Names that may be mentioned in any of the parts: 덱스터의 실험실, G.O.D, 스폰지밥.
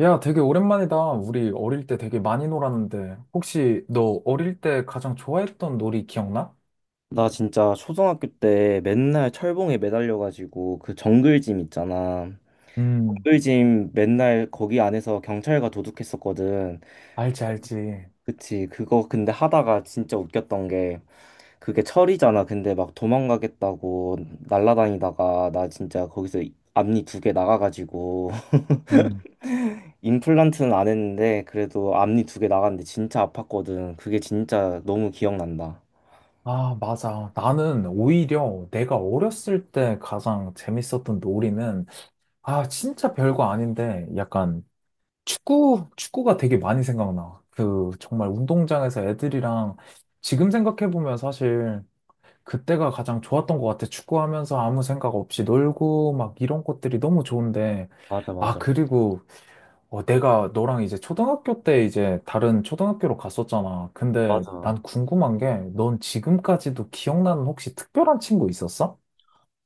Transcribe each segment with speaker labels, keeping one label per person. Speaker 1: 야, 되게 오랜만이다. 우리 어릴 때 되게 많이 놀았는데. 혹시 너 어릴 때 가장 좋아했던 놀이 기억나?
Speaker 2: 나 진짜 초등학교 때 맨날 철봉에 매달려가지고 그 정글짐 있잖아.
Speaker 1: 음.
Speaker 2: 정글짐 맨날 거기 안에서 경찰과 도둑했었거든.
Speaker 1: 알지, 알지.
Speaker 2: 그치. 그거 근데 하다가 진짜 웃겼던 게 그게 철이잖아. 근데 막 도망가겠다고 날라다니다가 나 진짜 거기서 앞니 두 개 나가가지고
Speaker 1: 음.
Speaker 2: 임플란트는 안 했는데 그래도 앞니 두 개 나갔는데 진짜 아팠거든. 그게 진짜 너무 기억난다.
Speaker 1: 아, 맞아. 나는 오히려 내가 어렸을 때 가장 재밌었던 놀이는, 아, 진짜 별거 아닌데, 약간 축구가 되게 많이 생각나. 그, 정말 운동장에서 애들이랑, 지금 생각해보면 사실 그때가 가장 좋았던 것 같아. 축구하면서 아무 생각 없이 놀고 막 이런 것들이 너무 좋은데.
Speaker 2: 맞아,
Speaker 1: 아,
Speaker 2: 맞아.
Speaker 1: 그리고 내가 너랑 이제 초등학교 때 이제 다른 초등학교로 갔었잖아. 근데
Speaker 2: 맞아.
Speaker 1: 난 궁금한 게 넌 지금까지도 기억나는 혹시 특별한 친구 있었어?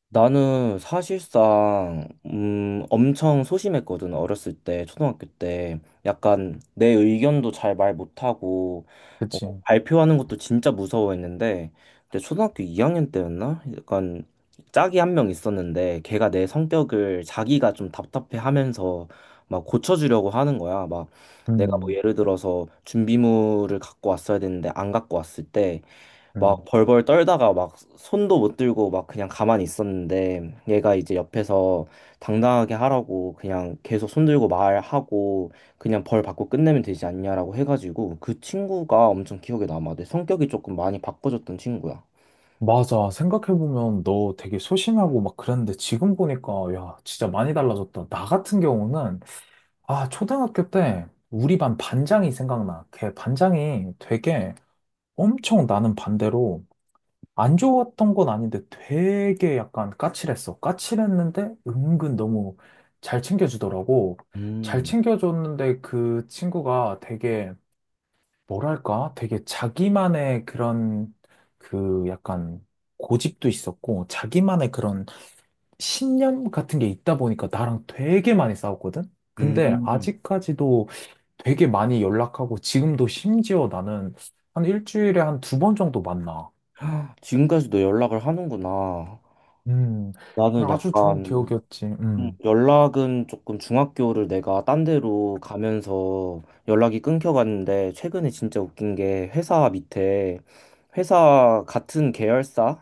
Speaker 2: 나는 사실상 엄청 소심했거든 어렸을 때 초등학교 때 약간 내 의견도 잘 말 못하고 어,
Speaker 1: 그치.
Speaker 2: 발표하는 것도 진짜 무서워했는데 근데 초등학교 2학년 때였나 약간 짝이 한 명 있었는데 걔가 내 성격을 자기가 좀 답답해하면서 막 고쳐주려고 하는 거야 막 내가 뭐
Speaker 1: 음,
Speaker 2: 예를 들어서 준비물을 갖고 왔어야 되는데 안 갖고 왔을 때 막
Speaker 1: 음.
Speaker 2: 벌벌 떨다가 막 손도 못 들고 막 그냥 가만히 있었는데 얘가 이제 옆에서 당당하게 하라고 그냥 계속 손 들고 말하고 그냥 벌 받고 끝내면 되지 않냐라고 해가지고 그 친구가 엄청 기억에 남아. 내 성격이 조금 많이 바꿔졌던 친구야.
Speaker 1: 맞아. 생각해보면 너 되게 소심하고 막 그랬는데 지금 보니까 야, 진짜 많이 달라졌다. 나 같은 경우는 아, 초등학교 때 우리 반 반장이 생각나. 걔 반장이 되게 엄청 나는 반대로 안 좋았던 건 아닌데 되게 약간 까칠했어. 까칠했는데 은근 너무 잘 챙겨주더라고. 잘
Speaker 2: 음,
Speaker 1: 챙겨줬는데 그 친구가 되게 뭐랄까? 되게 자기만의 그런 그 약간 고집도 있었고 자기만의 그런 신념 같은 게 있다 보니까 나랑 되게 많이 싸웠거든? 근데
Speaker 2: 음.
Speaker 1: 아직까지도 되게 많이 연락하고 지금도 심지어 나는 한 일주일에 한 두 번 정도 만나.
Speaker 2: 지금까지도 연락을 하는구나.
Speaker 1: 음.
Speaker 2: 나는
Speaker 1: 그냥 아주 좋은
Speaker 2: 약간
Speaker 1: 기억이었지. 음.
Speaker 2: 연락은 조금 중학교를 내가 딴 데로 가면서 연락이 끊겨갔는데 최근에 진짜 웃긴 게 회사 밑에 회사 같은 계열사는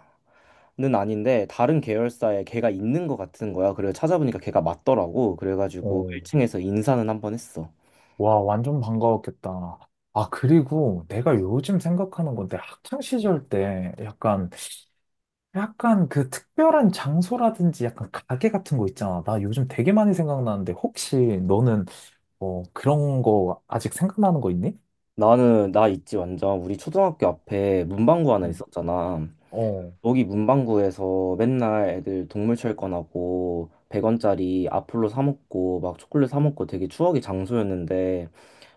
Speaker 2: 아닌데 다른 계열사에 걔가 있는 것 같은 거야. 그래서 찾아보니까 걔가 맞더라고. 그래가지고
Speaker 1: 어.
Speaker 2: 1층에서 인사는 한 번 했어.
Speaker 1: 와, 완전 반가웠겠다. 아, 그리고 내가 요즘 생각하는 건데, 학창 시절 때 약간 그 특별한 장소라든지 약간 가게 같은 거 있잖아. 나 요즘 되게 많이 생각나는데, 혹시 너는 그런 거 아직 생각나는 거 있니?
Speaker 2: 나는 나 있지 완전 우리 초등학교 앞에 문방구 하나
Speaker 1: 음.
Speaker 2: 있었잖아.
Speaker 1: 어,
Speaker 2: 여기 문방구에서 맨날 애들 동물 철권하고 100원짜리 아폴로 사 먹고 막 초콜릿 사 먹고 되게 추억의 장소였는데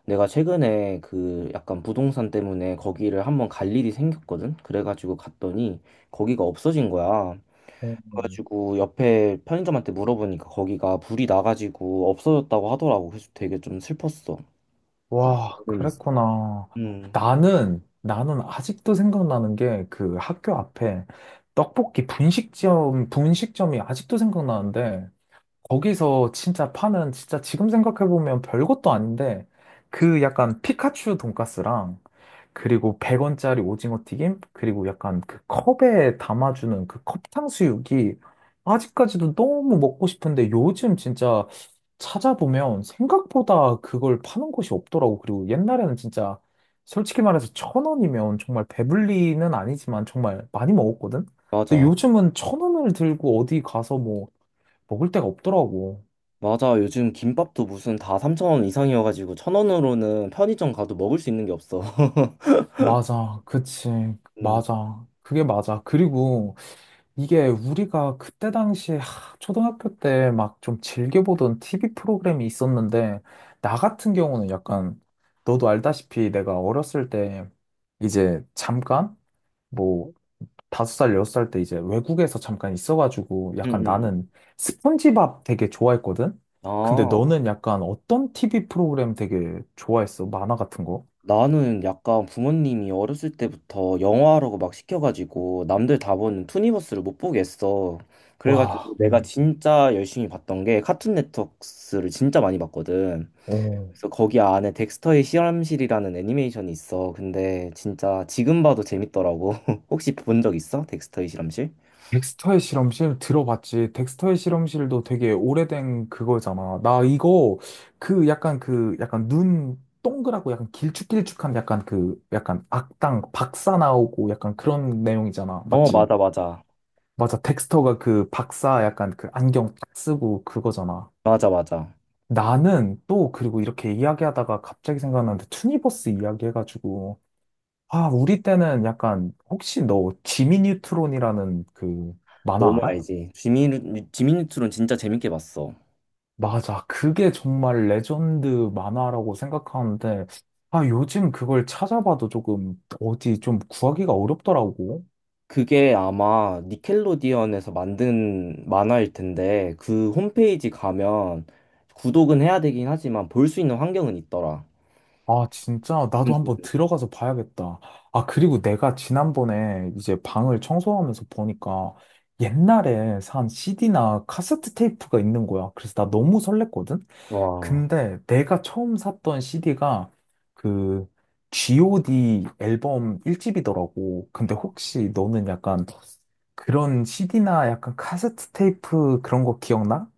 Speaker 2: 내가 최근에 그 약간 부동산 때문에 거기를 한번 갈 일이 생겼거든? 그래가지고 갔더니 거기가 없어진 거야.
Speaker 1: 어.
Speaker 2: 그래가지고 옆에 편의점한테 물어보니까 거기가 불이 나가지고 없어졌다고 하더라고. 그래서 되게 좀 슬펐어.
Speaker 1: 와,
Speaker 2: 여름 있어.
Speaker 1: 그랬구나.
Speaker 2: 음.
Speaker 1: 나는 아직도 생각나는 게 그 학교 앞에 떡볶이 분식점이 아직도 생각나는데 거기서 진짜 파는 진짜 지금 생각해보면 별것도 아닌데 그 약간 피카츄 돈까스랑 그리고 100원짜리 오징어 튀김, 그리고 약간 그 컵에 담아주는 그 컵탕수육이 아직까지도 너무 먹고 싶은데 요즘 진짜 찾아보면 생각보다 그걸 파는 곳이 없더라고. 그리고 옛날에는 진짜 솔직히 말해서 천 원이면 정말 배불리는 아니지만 정말 많이 먹었거든? 근데
Speaker 2: 맞아.
Speaker 1: 요즘은 천 원을 들고 어디 가서 뭐 먹을 데가 없더라고.
Speaker 2: 맞아. 요즘 김밥도 무슨 다 3,000원 이상이어가지고 1,000원으로는 편의점 가도 먹을 수 있는 게 없어.
Speaker 1: 맞아. 그치.
Speaker 2: 음,
Speaker 1: 맞아. 그게 맞아. 그리고 이게 우리가 그때 당시에 하, 초등학교 때 막 좀 즐겨보던 TV 프로그램이 있었는데, 나 같은 경우는 약간, 너도 알다시피 내가 어렸을 때 이제 잠깐, 뭐, 5살, 6살 때 이제 외국에서 잠깐 있어가지고 약간
Speaker 2: 음.
Speaker 1: 나는 스폰지밥 되게 좋아했거든? 근데
Speaker 2: 아,
Speaker 1: 너는 약간 어떤 TV 프로그램 되게 좋아했어? 만화 같은 거?
Speaker 2: 나는 약간 부모님이 어렸을 때부터 영화라고 막 시켜가지고 남들 다 보는 투니버스를 못 보겠어. 그래가지고
Speaker 1: 와,
Speaker 2: 내가 진짜 열심히 봤던 게 카툰 네트워크를 진짜 많이 봤거든.
Speaker 1: 오.
Speaker 2: 그래서 거기 안에 덱스터의 실험실이라는 애니메이션이 있어. 근데 진짜 지금 봐도 재밌더라고. 혹시 본 적 있어? 덱스터의 실험실?
Speaker 1: 덱스터의 실험실 들어봤지. 덱스터의 실험실도 되게 오래된 그거잖아. 나 이거 그 약간 그 약간 눈 동그랗고 약간 길쭉길쭉한 약간 그 약간 악당 박사 나오고 약간 그런 내용이잖아.
Speaker 2: 어,
Speaker 1: 맞지?
Speaker 2: 맞아, 맞아.
Speaker 1: 맞아. 덱스터가 그 박사 약간 그 안경 딱 쓰고 그거잖아.
Speaker 2: 맞아, 맞아.
Speaker 1: 나는 또 그리고 이렇게 이야기하다가 갑자기 생각났는데 투니버스 이야기 해가지고 아 우리 때는 약간 혹시 너 지미 뉴트론이라는 그 만화
Speaker 2: 너무
Speaker 1: 알아?
Speaker 2: 알지. 지미, 지미뉴트론 진짜 재밌게 봤어.
Speaker 1: 맞아. 그게 정말 레전드 만화라고 생각하는데, 아, 요즘 그걸 찾아봐도 조금 어디 좀 구하기가 어렵더라고.
Speaker 2: 그게 아마 니켈로디언에서 만든 만화일 텐데, 그 홈페이지 가면 구독은 해야 되긴 하지만 볼 수 있는 환경은 있더라.
Speaker 1: 아, 진짜 나도
Speaker 2: 응.
Speaker 1: 한번 들어가서 봐야겠다. 아, 그리고 내가 지난번에 이제 방을 청소하면서 보니까 옛날에 산 CD나 카세트 테이프가 있는 거야. 그래서 나 너무 설렜거든?
Speaker 2: 와,
Speaker 1: 근데 내가 처음 샀던 CD가 그 G.O.D 앨범 1집이더라고. 근데 혹시 너는 약간 그런 CD나 약간 카세트 테이프 그런 거 기억나?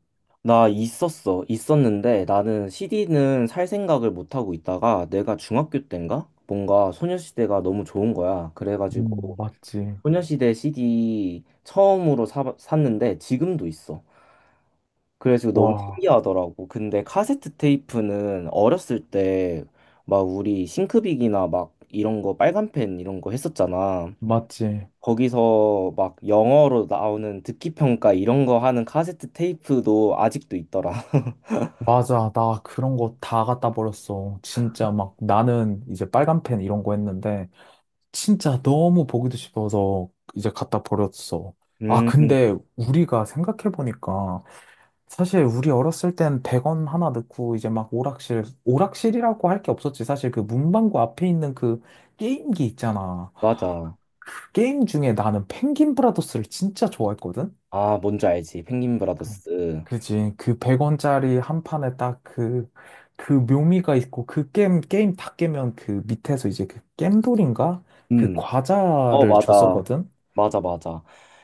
Speaker 2: 나 있었어. 있었는데 나는 CD는 살 생각을 못 하고 있다가 내가 중학교 때인가? 뭔가 소녀시대가 너무 좋은 거야. 그래가지고
Speaker 1: 맞지.
Speaker 2: 소녀시대 CD 처음으로 샀는데 지금도 있어. 그래서 너무
Speaker 1: 와,
Speaker 2: 신기하더라고. 근데 카세트 테이프는 어렸을 때 막 우리 싱크빅이나 막 이런 거 빨간펜 이런 거 했었잖아.
Speaker 1: 맞지.
Speaker 2: 거기서 막 영어로 나오는 듣기 평가 이런 거 하는 카세트 테이프도 아직도 있더라.
Speaker 1: 맞아. 나 그런 거 다 갖다 버렸어. 진짜 막 나는 이제 빨간 펜 이런 거 했는데 진짜 너무 보기도 싶어서 이제 갖다 버렸어. 아,
Speaker 2: 음,
Speaker 1: 근데 우리가 생각해보니까 사실 우리 어렸을 땐 100원 하나 넣고 이제 막 오락실이라고 할 게 없었지. 사실 그 문방구 앞에 있는 그 게임기 있잖아.
Speaker 2: 맞아.
Speaker 1: 그 게임 중에 나는 펭귄 브라더스를 진짜 좋아했거든?
Speaker 2: 아, 뭔지 알지. 펭귄
Speaker 1: 그-
Speaker 2: 브라더스.
Speaker 1: 그지. 그 100원짜리 한 판에 딱 그, 그 묘미가 있고 그 게임 다 깨면 그 밑에서 이제 그 겜돌인가? 그
Speaker 2: 음, 어,
Speaker 1: 과자를
Speaker 2: 맞아.
Speaker 1: 줬었거든?
Speaker 2: 맞아, 맞아.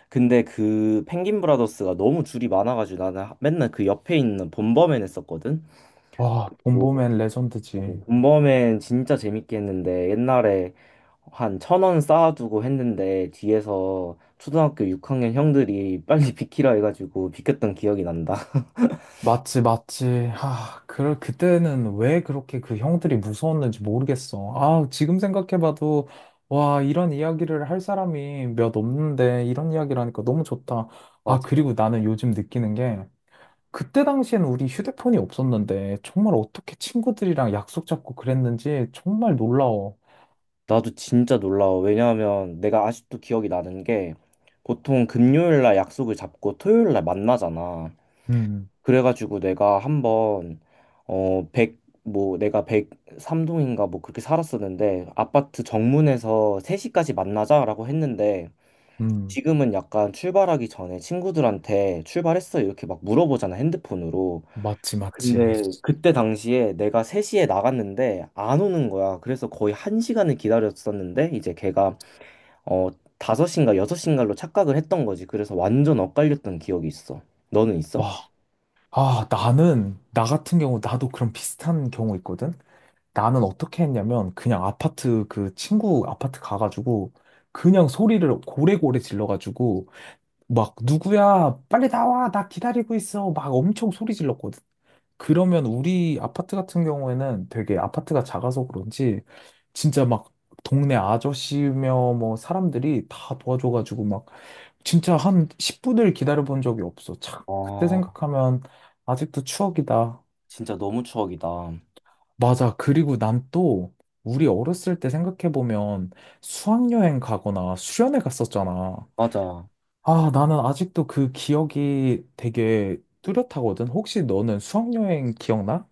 Speaker 2: 근데 그 펭귄 브라더스가 너무 줄이 많아가지고 나는 맨날 그 옆에 있는 본범맨 했었거든.
Speaker 1: 와, 봄봄엔 보
Speaker 2: 뭐
Speaker 1: 맨
Speaker 2: 오,
Speaker 1: 레전드지.
Speaker 2: 본범엔 진짜 재밌게 했는데 옛날에 한 1,000원 쌓아두고 했는데 뒤에서 초등학교 6학년 형들이 빨리 비키라 해가지고 비켰던 기억이 난다.
Speaker 1: 맞지, 맞지. 아, 그럴 그때는 왜 그렇게 그 형들이 무서웠는지 모르겠어. 아, 지금 생각해봐도 와, 이런 이야기를 할 사람이 몇 없는데 이런 이야기를 하니까 너무 좋다. 아,
Speaker 2: 맞아.
Speaker 1: 그리고 나는 요즘 느끼는 게 그때 당시엔 우리 휴대폰이 없었는데 정말 어떻게 친구들이랑 약속 잡고 그랬는지 정말 놀라워.
Speaker 2: 나도 진짜 놀라워. 왜냐하면 내가 아직도 기억이 나는 게 보통 금요일 날 약속을 잡고 토요일 날 만나잖아.
Speaker 1: 음,
Speaker 2: 그래가지고 내가 한번 어, 백 뭐 내가 103동인가 뭐 그렇게 살았었는데 아파트 정문에서 3시까지 만나자라고 했는데
Speaker 1: 음,
Speaker 2: 지금은 약간 출발하기 전에 친구들한테 출발했어? 이렇게 막 물어보잖아, 핸드폰으로.
Speaker 1: 맞지, 맞지.
Speaker 2: 근데 그때 당시에 내가 3시에 나갔는데 안 오는 거야. 그래서 거의 1시간을 기다렸었는데 이제 걔가 어 5시인가 6시인가로 착각을 했던 거지. 그래서 완전 엇갈렸던 기억이 있어. 너는 있어?
Speaker 1: 와, 아, 나는, 나 같은 경우 나도 그런 비슷한 경우 있거든. 나는 어떻게 했냐면 그냥 아파트 그 친구 아파트 가가지고 그냥 소리를 고래고래 질러가지고 막 누구야 빨리 나와 나 기다리고 있어 막 엄청 소리 질렀거든. 그러면 우리 아파트 같은 경우에는 되게 아파트가 작아서 그런지 진짜 막 동네 아저씨며 뭐 사람들이 다 도와줘가지고 막 진짜 한 10분을 기다려본 적이 없어. 참 그때
Speaker 2: 아,
Speaker 1: 생각하면 아직도 추억이다.
Speaker 2: 진짜 너무 추억이다.
Speaker 1: 맞아. 그리고 난 또 우리 어렸을 때 생각해보면 수학여행 가거나 수련회 갔었잖아.
Speaker 2: 맞아.
Speaker 1: 아, 나는 아직도 그 기억이 되게 뚜렷하거든. 혹시 너는 수학여행 기억나?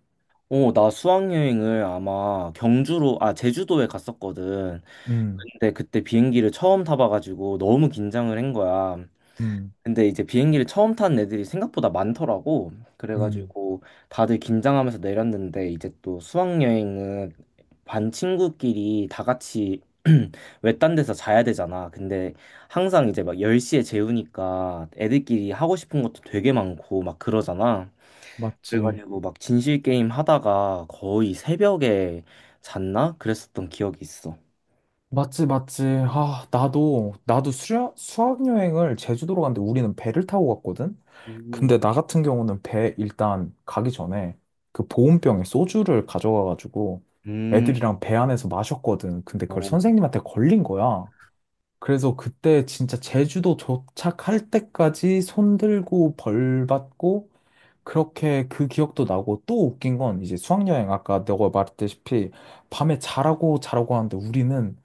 Speaker 2: 어, 나 수학여행을 아마 경주로, 아, 제주도에 갔었거든.
Speaker 1: 음,
Speaker 2: 근데 그때 비행기를 처음 타봐가지고 너무 긴장을 한 거야.
Speaker 1: 음,
Speaker 2: 근데 이제 비행기를 처음 탄 애들이 생각보다 많더라고.
Speaker 1: 음.
Speaker 2: 그래가지고 다들 긴장하면서 내렸는데 이제 또 수학여행은 반 친구끼리 다 같이 외딴 데서 자야 되잖아. 근데 항상 이제 막 10시에 재우니까 애들끼리 하고 싶은 것도 되게 많고 막 그러잖아.
Speaker 1: 맞지.
Speaker 2: 그래가지고 막 진실 게임 하다가 거의 새벽에 잤나? 그랬었던 기억이 있어.
Speaker 1: 맞지, 맞지. 아, 나도 수학 여행을 제주도로 갔는데 우리는 배를 타고 갔거든?
Speaker 2: 음,
Speaker 1: 근데 나 같은 경우는 배 일단 가기 전에 그 보온병에 소주를 가져가가지고
Speaker 2: 음,
Speaker 1: 애들이랑 배 안에서 마셨거든. 근데 그걸
Speaker 2: 어,
Speaker 1: 선생님한테 걸린 거야. 그래서 그때 진짜 제주도 도착할 때까지 손 들고 벌 받고 그렇게 그 기억도 나고 또 웃긴 건 이제 수학여행 아까 너가 말했다시피 밤에 자라고 자라고 하는데 우리는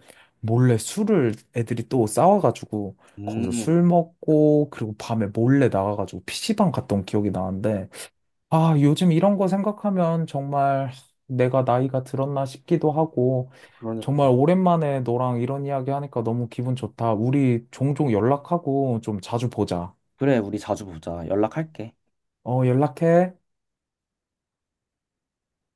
Speaker 1: 몰래 술을 애들이 또 싸워가지고 거기서 술
Speaker 2: 음,
Speaker 1: 먹고 그리고 밤에 몰래 나가가지고 PC방 갔던 기억이 나는데 아 요즘 이런 거 생각하면 정말 내가 나이가 들었나 싶기도 하고
Speaker 2: 그러니까.
Speaker 1: 정말 오랜만에 너랑 이런 이야기 하니까 너무 기분 좋다. 우리 종종 연락하고 좀 자주 보자.
Speaker 2: 그래, 우리 자주 보자. 연락할게.
Speaker 1: 어 연락해.